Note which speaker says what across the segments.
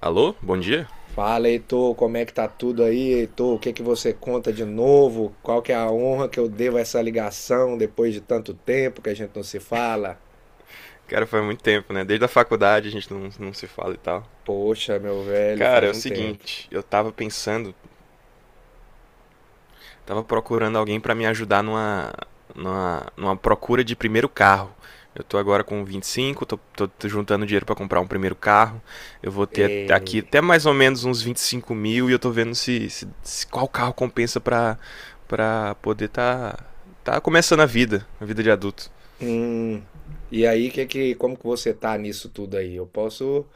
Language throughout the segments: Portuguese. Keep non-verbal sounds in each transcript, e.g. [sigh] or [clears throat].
Speaker 1: Alô, bom dia?
Speaker 2: Fala, Heitor, como é que tá tudo aí, Heitor? O que que você conta de novo? Qual que é a honra que eu devo a essa ligação depois de tanto tempo que a gente não se fala?
Speaker 1: Cara, faz muito tempo, né? Desde a faculdade a gente não se fala e tal.
Speaker 2: Poxa, meu velho,
Speaker 1: Cara, é
Speaker 2: faz
Speaker 1: o
Speaker 2: um tempo.
Speaker 1: seguinte, eu tava pensando, tava procurando alguém pra me ajudar numa procura de primeiro carro. Eu tô agora com 25, tô juntando dinheiro pra comprar um primeiro carro. Eu vou ter aqui
Speaker 2: É,
Speaker 1: até mais ou menos uns 25 mil e eu tô vendo se qual carro compensa pra, pra poder tá começando a vida de adulto.
Speaker 2: hum, e aí, que, como que você tá nisso tudo aí? Eu posso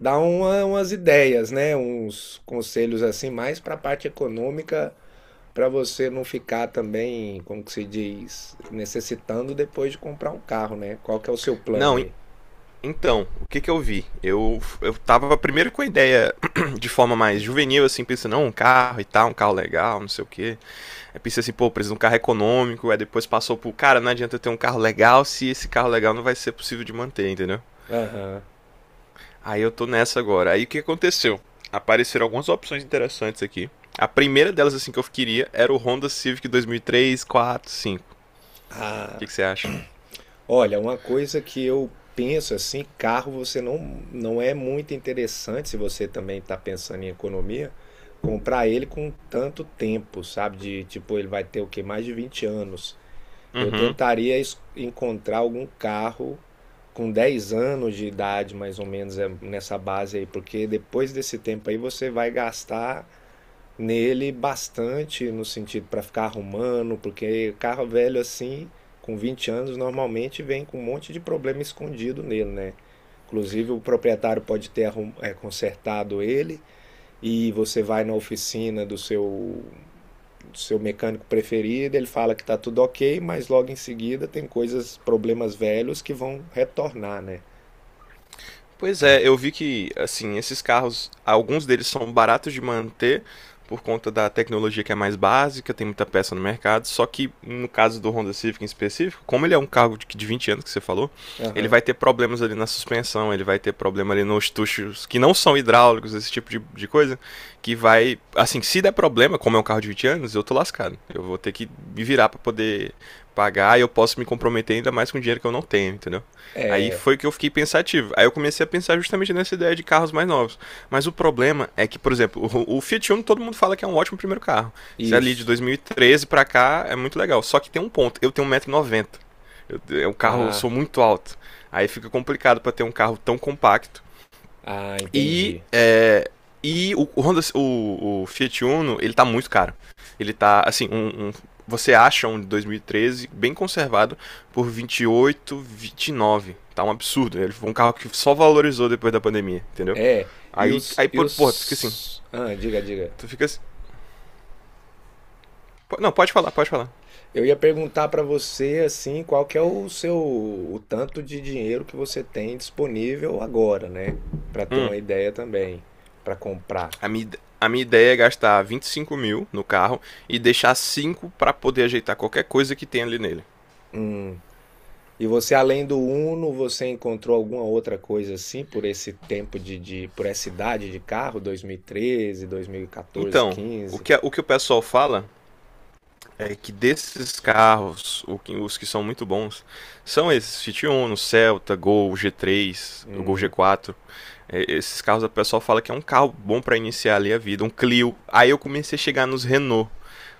Speaker 2: dar umas ideias, né? Uns conselhos assim, mais para a parte econômica, para você não ficar também, como que se diz, necessitando depois de comprar um carro, né? Qual que é o seu plano
Speaker 1: Não,
Speaker 2: aí?
Speaker 1: então, o que que eu vi? Eu tava primeiro com a ideia [clears throat] de forma mais juvenil, assim, pensando, não, um carro e tal, um carro legal, não sei o quê. Aí pensei assim, pô, preciso de um carro econômico. Aí depois passou por, cara, não adianta eu ter um carro legal se esse carro legal não vai ser possível de manter, entendeu?
Speaker 2: Aham.
Speaker 1: Aí eu tô nessa agora. Aí o que aconteceu? Apareceram algumas opções interessantes aqui. A primeira delas, assim, que eu queria era o Honda Civic 2003, 4, 5. O que
Speaker 2: Ah,
Speaker 1: que você acha?
Speaker 2: olha, uma coisa que eu penso assim, carro você não é muito interessante se você também está pensando em economia, comprar ele com tanto tempo, sabe? De tipo, ele vai ter o quê? Mais de 20 anos. Eu
Speaker 1: Uhum.
Speaker 2: tentaria encontrar algum carro com 10 anos de idade, mais ou menos, é nessa base aí, porque depois desse tempo aí você vai gastar nele bastante no sentido para ficar arrumando, porque carro velho assim, com 20 anos, normalmente vem com um monte de problema escondido nele, né? Inclusive, o proprietário pode ter consertado ele e você vai na oficina do seu mecânico preferido, ele fala que está tudo ok, mas logo em seguida tem coisas, problemas velhos que vão retornar, né?
Speaker 1: Pois é, eu vi que, assim, esses carros, alguns deles são baratos de manter por conta da tecnologia que é mais básica, tem muita peça no mercado, só que no caso do Honda Civic em específico, como ele é um carro de 20 anos que você falou, ele vai
Speaker 2: Aham.
Speaker 1: ter problemas ali na suspensão, ele vai ter problema ali nos tuchos que não são hidráulicos, esse tipo de coisa, que vai, assim, se der problema, como é um carro de 20 anos, eu tô lascado. Eu vou ter que me virar para poder pagar e eu posso me comprometer ainda mais com dinheiro que eu não tenho, entendeu? Aí
Speaker 2: É,
Speaker 1: foi que eu fiquei pensativo. Aí eu comecei a pensar justamente nessa ideia de carros mais novos. Mas o problema é que, por exemplo, o Fiat Uno todo mundo fala que é um ótimo primeiro carro. Se é ali de
Speaker 2: isso.
Speaker 1: 2013 pra cá é muito legal. Só que tem um ponto. Eu tenho 1,90 m. O carro, eu
Speaker 2: Ah,
Speaker 1: sou muito alto. Aí fica complicado para ter um carro tão compacto
Speaker 2: ah,
Speaker 1: e,
Speaker 2: entendi.
Speaker 1: e o Fiat Uno, ele tá muito caro. Ele tá, assim, você acha um de 2013 bem conservado por 28, 29. Tá um absurdo, né? Ele foi um carro que só valorizou depois da pandemia, entendeu?
Speaker 2: É,
Speaker 1: Aí, aí porra, tu fica assim.
Speaker 2: Ah, diga, diga.
Speaker 1: Tu fica assim. Não, pode falar, pode falar.
Speaker 2: Eu ia perguntar para você, assim, qual que é o seu, o tanto de dinheiro que você tem disponível agora, né? Para ter
Speaker 1: Hum,
Speaker 2: uma ideia também, para comprar.
Speaker 1: a minha ideia é gastar 25 mil no carro e deixar 5 para poder ajeitar qualquer coisa que tem ali nele.
Speaker 2: E você, além do Uno, você encontrou alguma outra coisa assim por esse tempo de por essa idade de carro, dois mil treze 2014,
Speaker 1: Então,
Speaker 2: quinze?
Speaker 1: o que o pessoal fala é que desses carros, os que são muito bons, são esses Fiat Uno, Celta, Gol, G3, o Gol
Speaker 2: Hum.
Speaker 1: G4. É, esses carros a pessoa fala que é um carro bom para iniciar ali a vida, um Clio. Aí eu comecei a chegar nos Renault.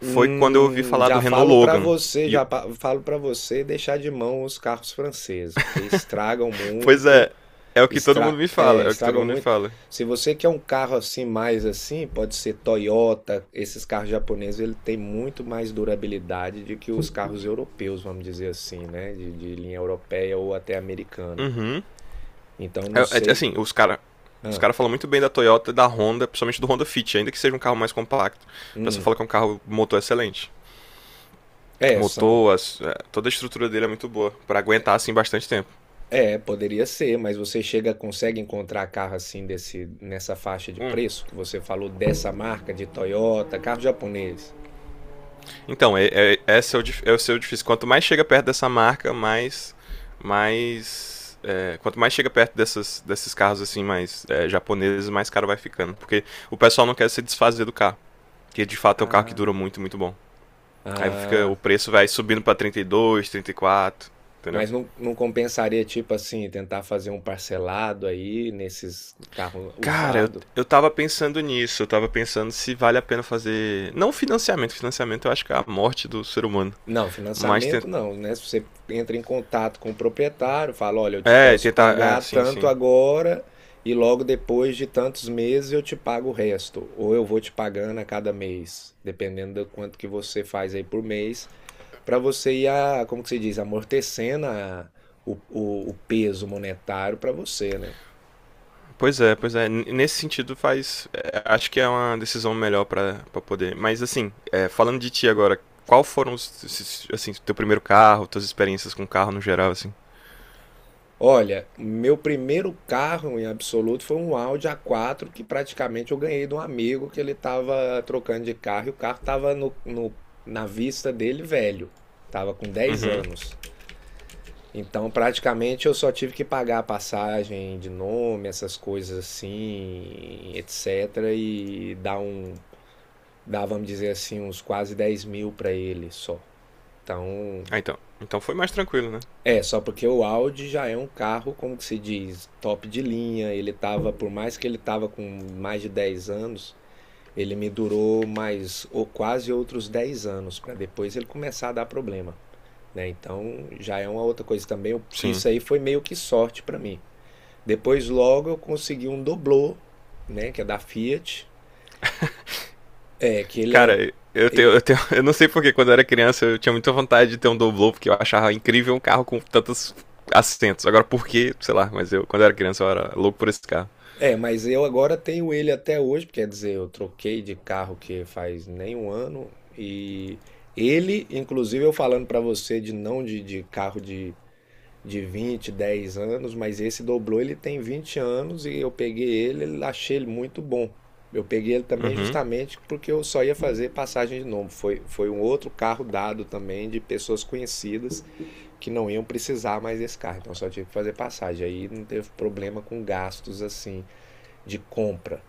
Speaker 1: Foi quando eu ouvi falar do
Speaker 2: Já
Speaker 1: Renault
Speaker 2: falo pra
Speaker 1: Logan.
Speaker 2: você,
Speaker 1: E-
Speaker 2: já falo para você deixar de mão os carros franceses, porque estragam
Speaker 1: pois
Speaker 2: muito,
Speaker 1: é, é o que todo mundo me fala, é o que todo
Speaker 2: estragam
Speaker 1: mundo me
Speaker 2: muito.
Speaker 1: fala.
Speaker 2: Se você quer um carro assim mais assim, pode ser Toyota, esses carros japoneses, ele tem muito mais durabilidade do que os carros europeus, vamos dizer assim, né, de linha europeia ou até americana.
Speaker 1: Uhum.
Speaker 2: Então não sei,
Speaker 1: Assim, os
Speaker 2: ah,
Speaker 1: cara falam muito bem da Toyota e da Honda, principalmente do Honda Fit, ainda que seja um carro mais compacto. O pessoal
Speaker 2: hum,
Speaker 1: fala que é um carro motor excelente.
Speaker 2: é, são.
Speaker 1: Toda a estrutura dele é muito boa pra aguentar assim bastante tempo.
Speaker 2: É, poderia ser, mas você chega consegue encontrar carro assim desse nessa faixa de
Speaker 1: Hum.
Speaker 2: preço que você falou dessa marca de Toyota, carro japonês?
Speaker 1: Então, esse é é o seu difícil. Quanto mais chega perto dessa marca, quanto mais chega perto desses carros assim mais japoneses, mais caro vai ficando, porque o pessoal não quer se desfazer do carro, que de fato é um carro que dura
Speaker 2: Ah,
Speaker 1: muito, muito bom. Aí fica o
Speaker 2: ah,
Speaker 1: preço vai subindo pra 32, 34, entendeu?
Speaker 2: mas não, não compensaria tipo assim tentar fazer um parcelado aí nesses carro
Speaker 1: Cara, eu,
Speaker 2: usado?
Speaker 1: eu tava pensando nisso, eu tava pensando se vale a pena fazer. Não financiamento, financiamento eu acho que é a morte do ser humano.
Speaker 2: Não,
Speaker 1: Mas
Speaker 2: financiamento
Speaker 1: tenta...
Speaker 2: não, né, se você entra em contato com o proprietário, fala: "Olha, eu te
Speaker 1: É,
Speaker 2: posso
Speaker 1: tentar. É,
Speaker 2: pagar
Speaker 1: sim,
Speaker 2: tanto
Speaker 1: sim.
Speaker 2: agora e logo depois de tantos meses eu te pago o resto, ou eu vou te pagando a cada mês", dependendo do quanto que você faz aí por mês, para você ir a, como que se diz? Amortecendo a, o peso monetário para você, né.
Speaker 1: Pois é, pois é. N- Nesse sentido faz. É, acho que é uma decisão melhor pra pra poder. Mas assim, é, falando de ti agora, qual foram assim, teu primeiro carro, tuas experiências com carro no geral, assim?
Speaker 2: Olha, meu primeiro carro em absoluto foi um Audi A4 que praticamente eu ganhei de um amigo que ele estava trocando de carro e o carro estava na vista dele velho, estava com dez
Speaker 1: Uhum.
Speaker 2: anos. Então praticamente eu só tive que pagar a passagem de nome, essas coisas assim, etc. E dar, vamos dizer assim, uns quase 10 mil para ele só. Então
Speaker 1: Ah, então. Então foi mais tranquilo, né?
Speaker 2: é, só porque o Audi já é um carro, como que se diz, top de linha. Ele tava, por mais que ele tava com mais de 10 anos, ele me durou mais ou quase outros 10 anos para depois ele começar a dar problema, né? Então, já é uma outra coisa também.
Speaker 1: Sim.
Speaker 2: Isso aí foi meio que sorte para mim. Depois logo eu consegui um doblô, né, que é da Fiat, é que ele é
Speaker 1: Cara,
Speaker 2: ele
Speaker 1: [laughs] eu não sei porque quando eu era criança eu tinha muita vontade de ter um Doblô, porque eu achava incrível um carro com tantos assentos. Agora por quê, sei lá, mas eu quando eu era criança eu era louco por esse carro.
Speaker 2: é, mas eu agora tenho ele até hoje, quer dizer, eu troquei de carro que faz nem um ano e ele, inclusive eu falando pra você de não de, de carro de, de 20, 10 anos, mas esse dobrou, ele tem 20 anos e eu peguei ele, achei ele muito bom. Eu peguei ele também
Speaker 1: Uhum.
Speaker 2: justamente porque eu só ia fazer passagem de nome. Foi, foi um outro carro dado também de pessoas conhecidas que não iam precisar mais desse carro, então só tive que fazer passagem. Aí não teve problema com gastos assim de compra.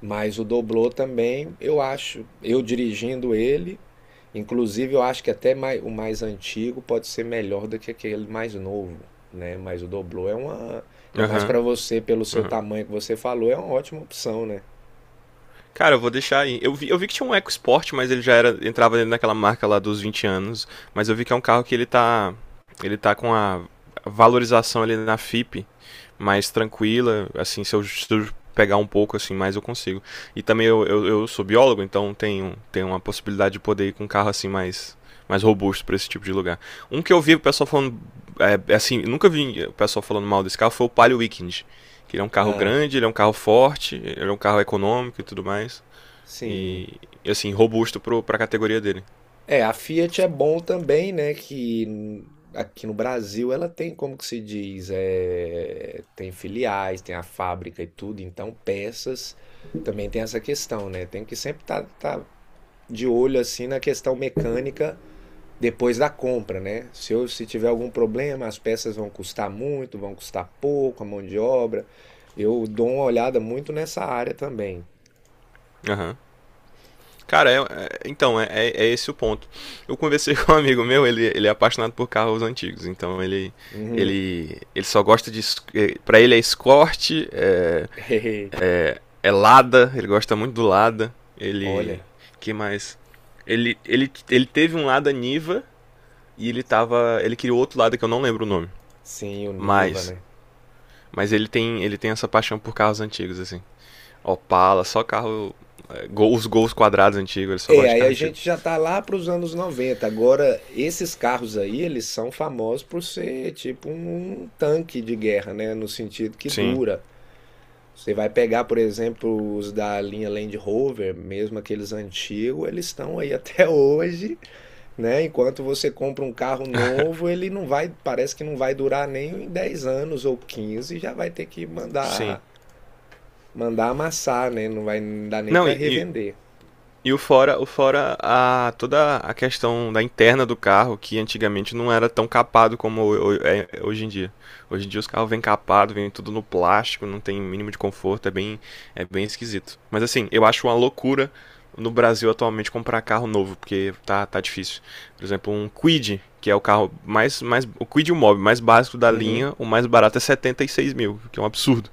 Speaker 2: Mas o Doblô também, eu acho, eu dirigindo ele, inclusive eu acho que até o mais antigo pode ser melhor do que aquele mais novo, né? Mas o Doblô é uma, ainda mais
Speaker 1: Aham.
Speaker 2: para você, pelo seu
Speaker 1: Uhum.
Speaker 2: tamanho que você falou, é uma ótima opção, né?
Speaker 1: Cara, eu vou deixar aí. Eu vi que tinha um EcoSport, mas ele já era entrava dentro daquela marca lá dos 20 anos. Mas eu vi que é um carro que ele tá com a valorização ali na FIP mais tranquila, assim, se eu pegar um pouco assim, mais eu consigo. E também eu sou biólogo, então tenho, tenho uma possibilidade de poder ir com um carro assim mais robusto para esse tipo de lugar. Um que eu vi o pessoal falando é assim, nunca vi o pessoal falando mal desse carro foi o Palio Weekend. Que ele é um carro
Speaker 2: Ah,
Speaker 1: grande, ele é um carro forte, ele é um carro econômico e tudo mais.
Speaker 2: sim.
Speaker 1: E, assim, robusto pro, pra categoria dele.
Speaker 2: É, a Fiat é bom também, né, aqui no Brasil ela tem, como que se diz, é tem filiais, tem a fábrica e tudo, então peças também tem essa questão, né? Tem que sempre estar tá de olho assim na questão mecânica depois da compra, né? Se eu, se tiver algum problema, as peças vão custar muito, vão custar pouco, a mão de obra. Eu dou uma olhada muito nessa área também.
Speaker 1: Aham. Cara, então, é esse o ponto. Eu conversei [laughs] com um amigo meu, ele é apaixonado por carros antigos, então
Speaker 2: Uhum.
Speaker 1: ele só gosta de. Pra ele é Escort,
Speaker 2: [laughs] Eita,
Speaker 1: é Lada, ele gosta muito do Lada. Ele.
Speaker 2: olha,
Speaker 1: Que mais? Ele teve um Lada Niva e ele tava. Ele queria outro Lada que eu não lembro o nome.
Speaker 2: sim, o Niva,
Speaker 1: Mas.
Speaker 2: né?
Speaker 1: Mas ele tem essa paixão por carros antigos, assim. Opala, só carro. É, os gols quadrados antigos, ele só gosta
Speaker 2: É,
Speaker 1: de
Speaker 2: aí
Speaker 1: carro
Speaker 2: a
Speaker 1: antigo.
Speaker 2: gente já tá lá para os anos 90. Agora, esses carros aí, eles são famosos por ser tipo um tanque de guerra, né? No sentido que
Speaker 1: Sim,
Speaker 2: dura. Você vai pegar, por exemplo, os da linha Land Rover, mesmo aqueles antigos, eles estão aí [laughs] até hoje, né? Enquanto você compra um carro novo, ele não vai, parece que não vai durar nem em 10 anos ou 15, já vai ter que
Speaker 1: sim.
Speaker 2: mandar amassar, né? Não vai dar nem
Speaker 1: Não,
Speaker 2: para
Speaker 1: e
Speaker 2: revender.
Speaker 1: E o fora a, toda a questão da interna do carro, que antigamente não era tão capado como hoje em dia. Hoje em dia os carros vêm capado, vêm tudo no plástico, não tem mínimo de conforto, é bem esquisito. Mas assim, eu acho uma loucura no Brasil atualmente comprar carro novo, porque tá, tá difícil. Por exemplo, um Kwid, que é o carro o Kwid e o Mob mais básico da
Speaker 2: Uhum.
Speaker 1: linha, o mais barato é 76 mil, que é um absurdo.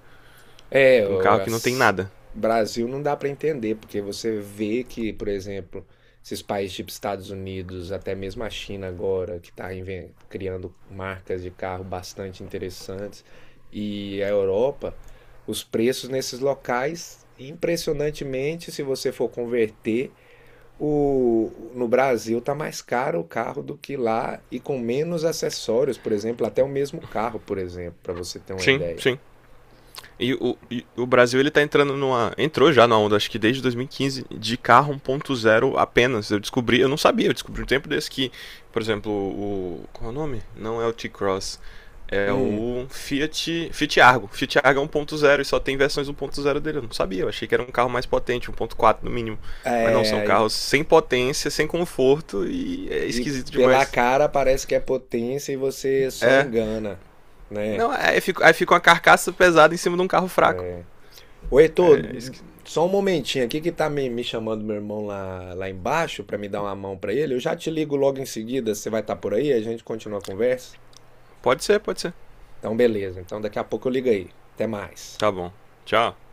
Speaker 2: É,
Speaker 1: Um
Speaker 2: o
Speaker 1: carro que não tem nada.
Speaker 2: Brasil não dá para entender, porque você vê que, por exemplo, esses países tipo Estados Unidos, até mesmo a China agora, que está criando marcas de carro bastante interessantes, e a Europa, os preços nesses locais, impressionantemente, se você for converter, o, no Brasil tá mais caro o carro do que lá e com menos acessórios, por exemplo, até o mesmo carro, por exemplo, para você ter uma
Speaker 1: Sim,
Speaker 2: ideia.
Speaker 1: sim. E o Brasil ele tá entrando numa. Entrou já na onda, acho que desde 2015, de carro 1.0 apenas. Eu descobri, eu não sabia, eu descobri um tempo desse que, por exemplo, o. Qual é o nome? Não é o T-Cross. É
Speaker 2: Hum,
Speaker 1: Fiat Argo. Fiat Argo é 1.0 e só tem versões 1.0 dele. Eu não sabia, eu achei que era um carro mais potente, 1.4 no mínimo. Mas não, são
Speaker 2: é,
Speaker 1: carros sem potência, sem conforto e é
Speaker 2: e
Speaker 1: esquisito
Speaker 2: pela
Speaker 1: demais.
Speaker 2: cara parece que é potência e você só
Speaker 1: É.
Speaker 2: engana, né?
Speaker 1: Não, aí fica uma carcaça pesada em cima de um carro fraco.
Speaker 2: É. Ô, Heitor,
Speaker 1: É, é esqui-
Speaker 2: só um momentinho aqui que tá me chamando meu irmão lá, lá embaixo pra me dar uma mão pra ele. Eu já te ligo logo em seguida, você vai estar por aí, a gente continua a conversa.
Speaker 1: Pode ser, pode ser.
Speaker 2: Então, beleza. Então, daqui a pouco eu ligo aí. Até mais.
Speaker 1: Tá bom. Tchau.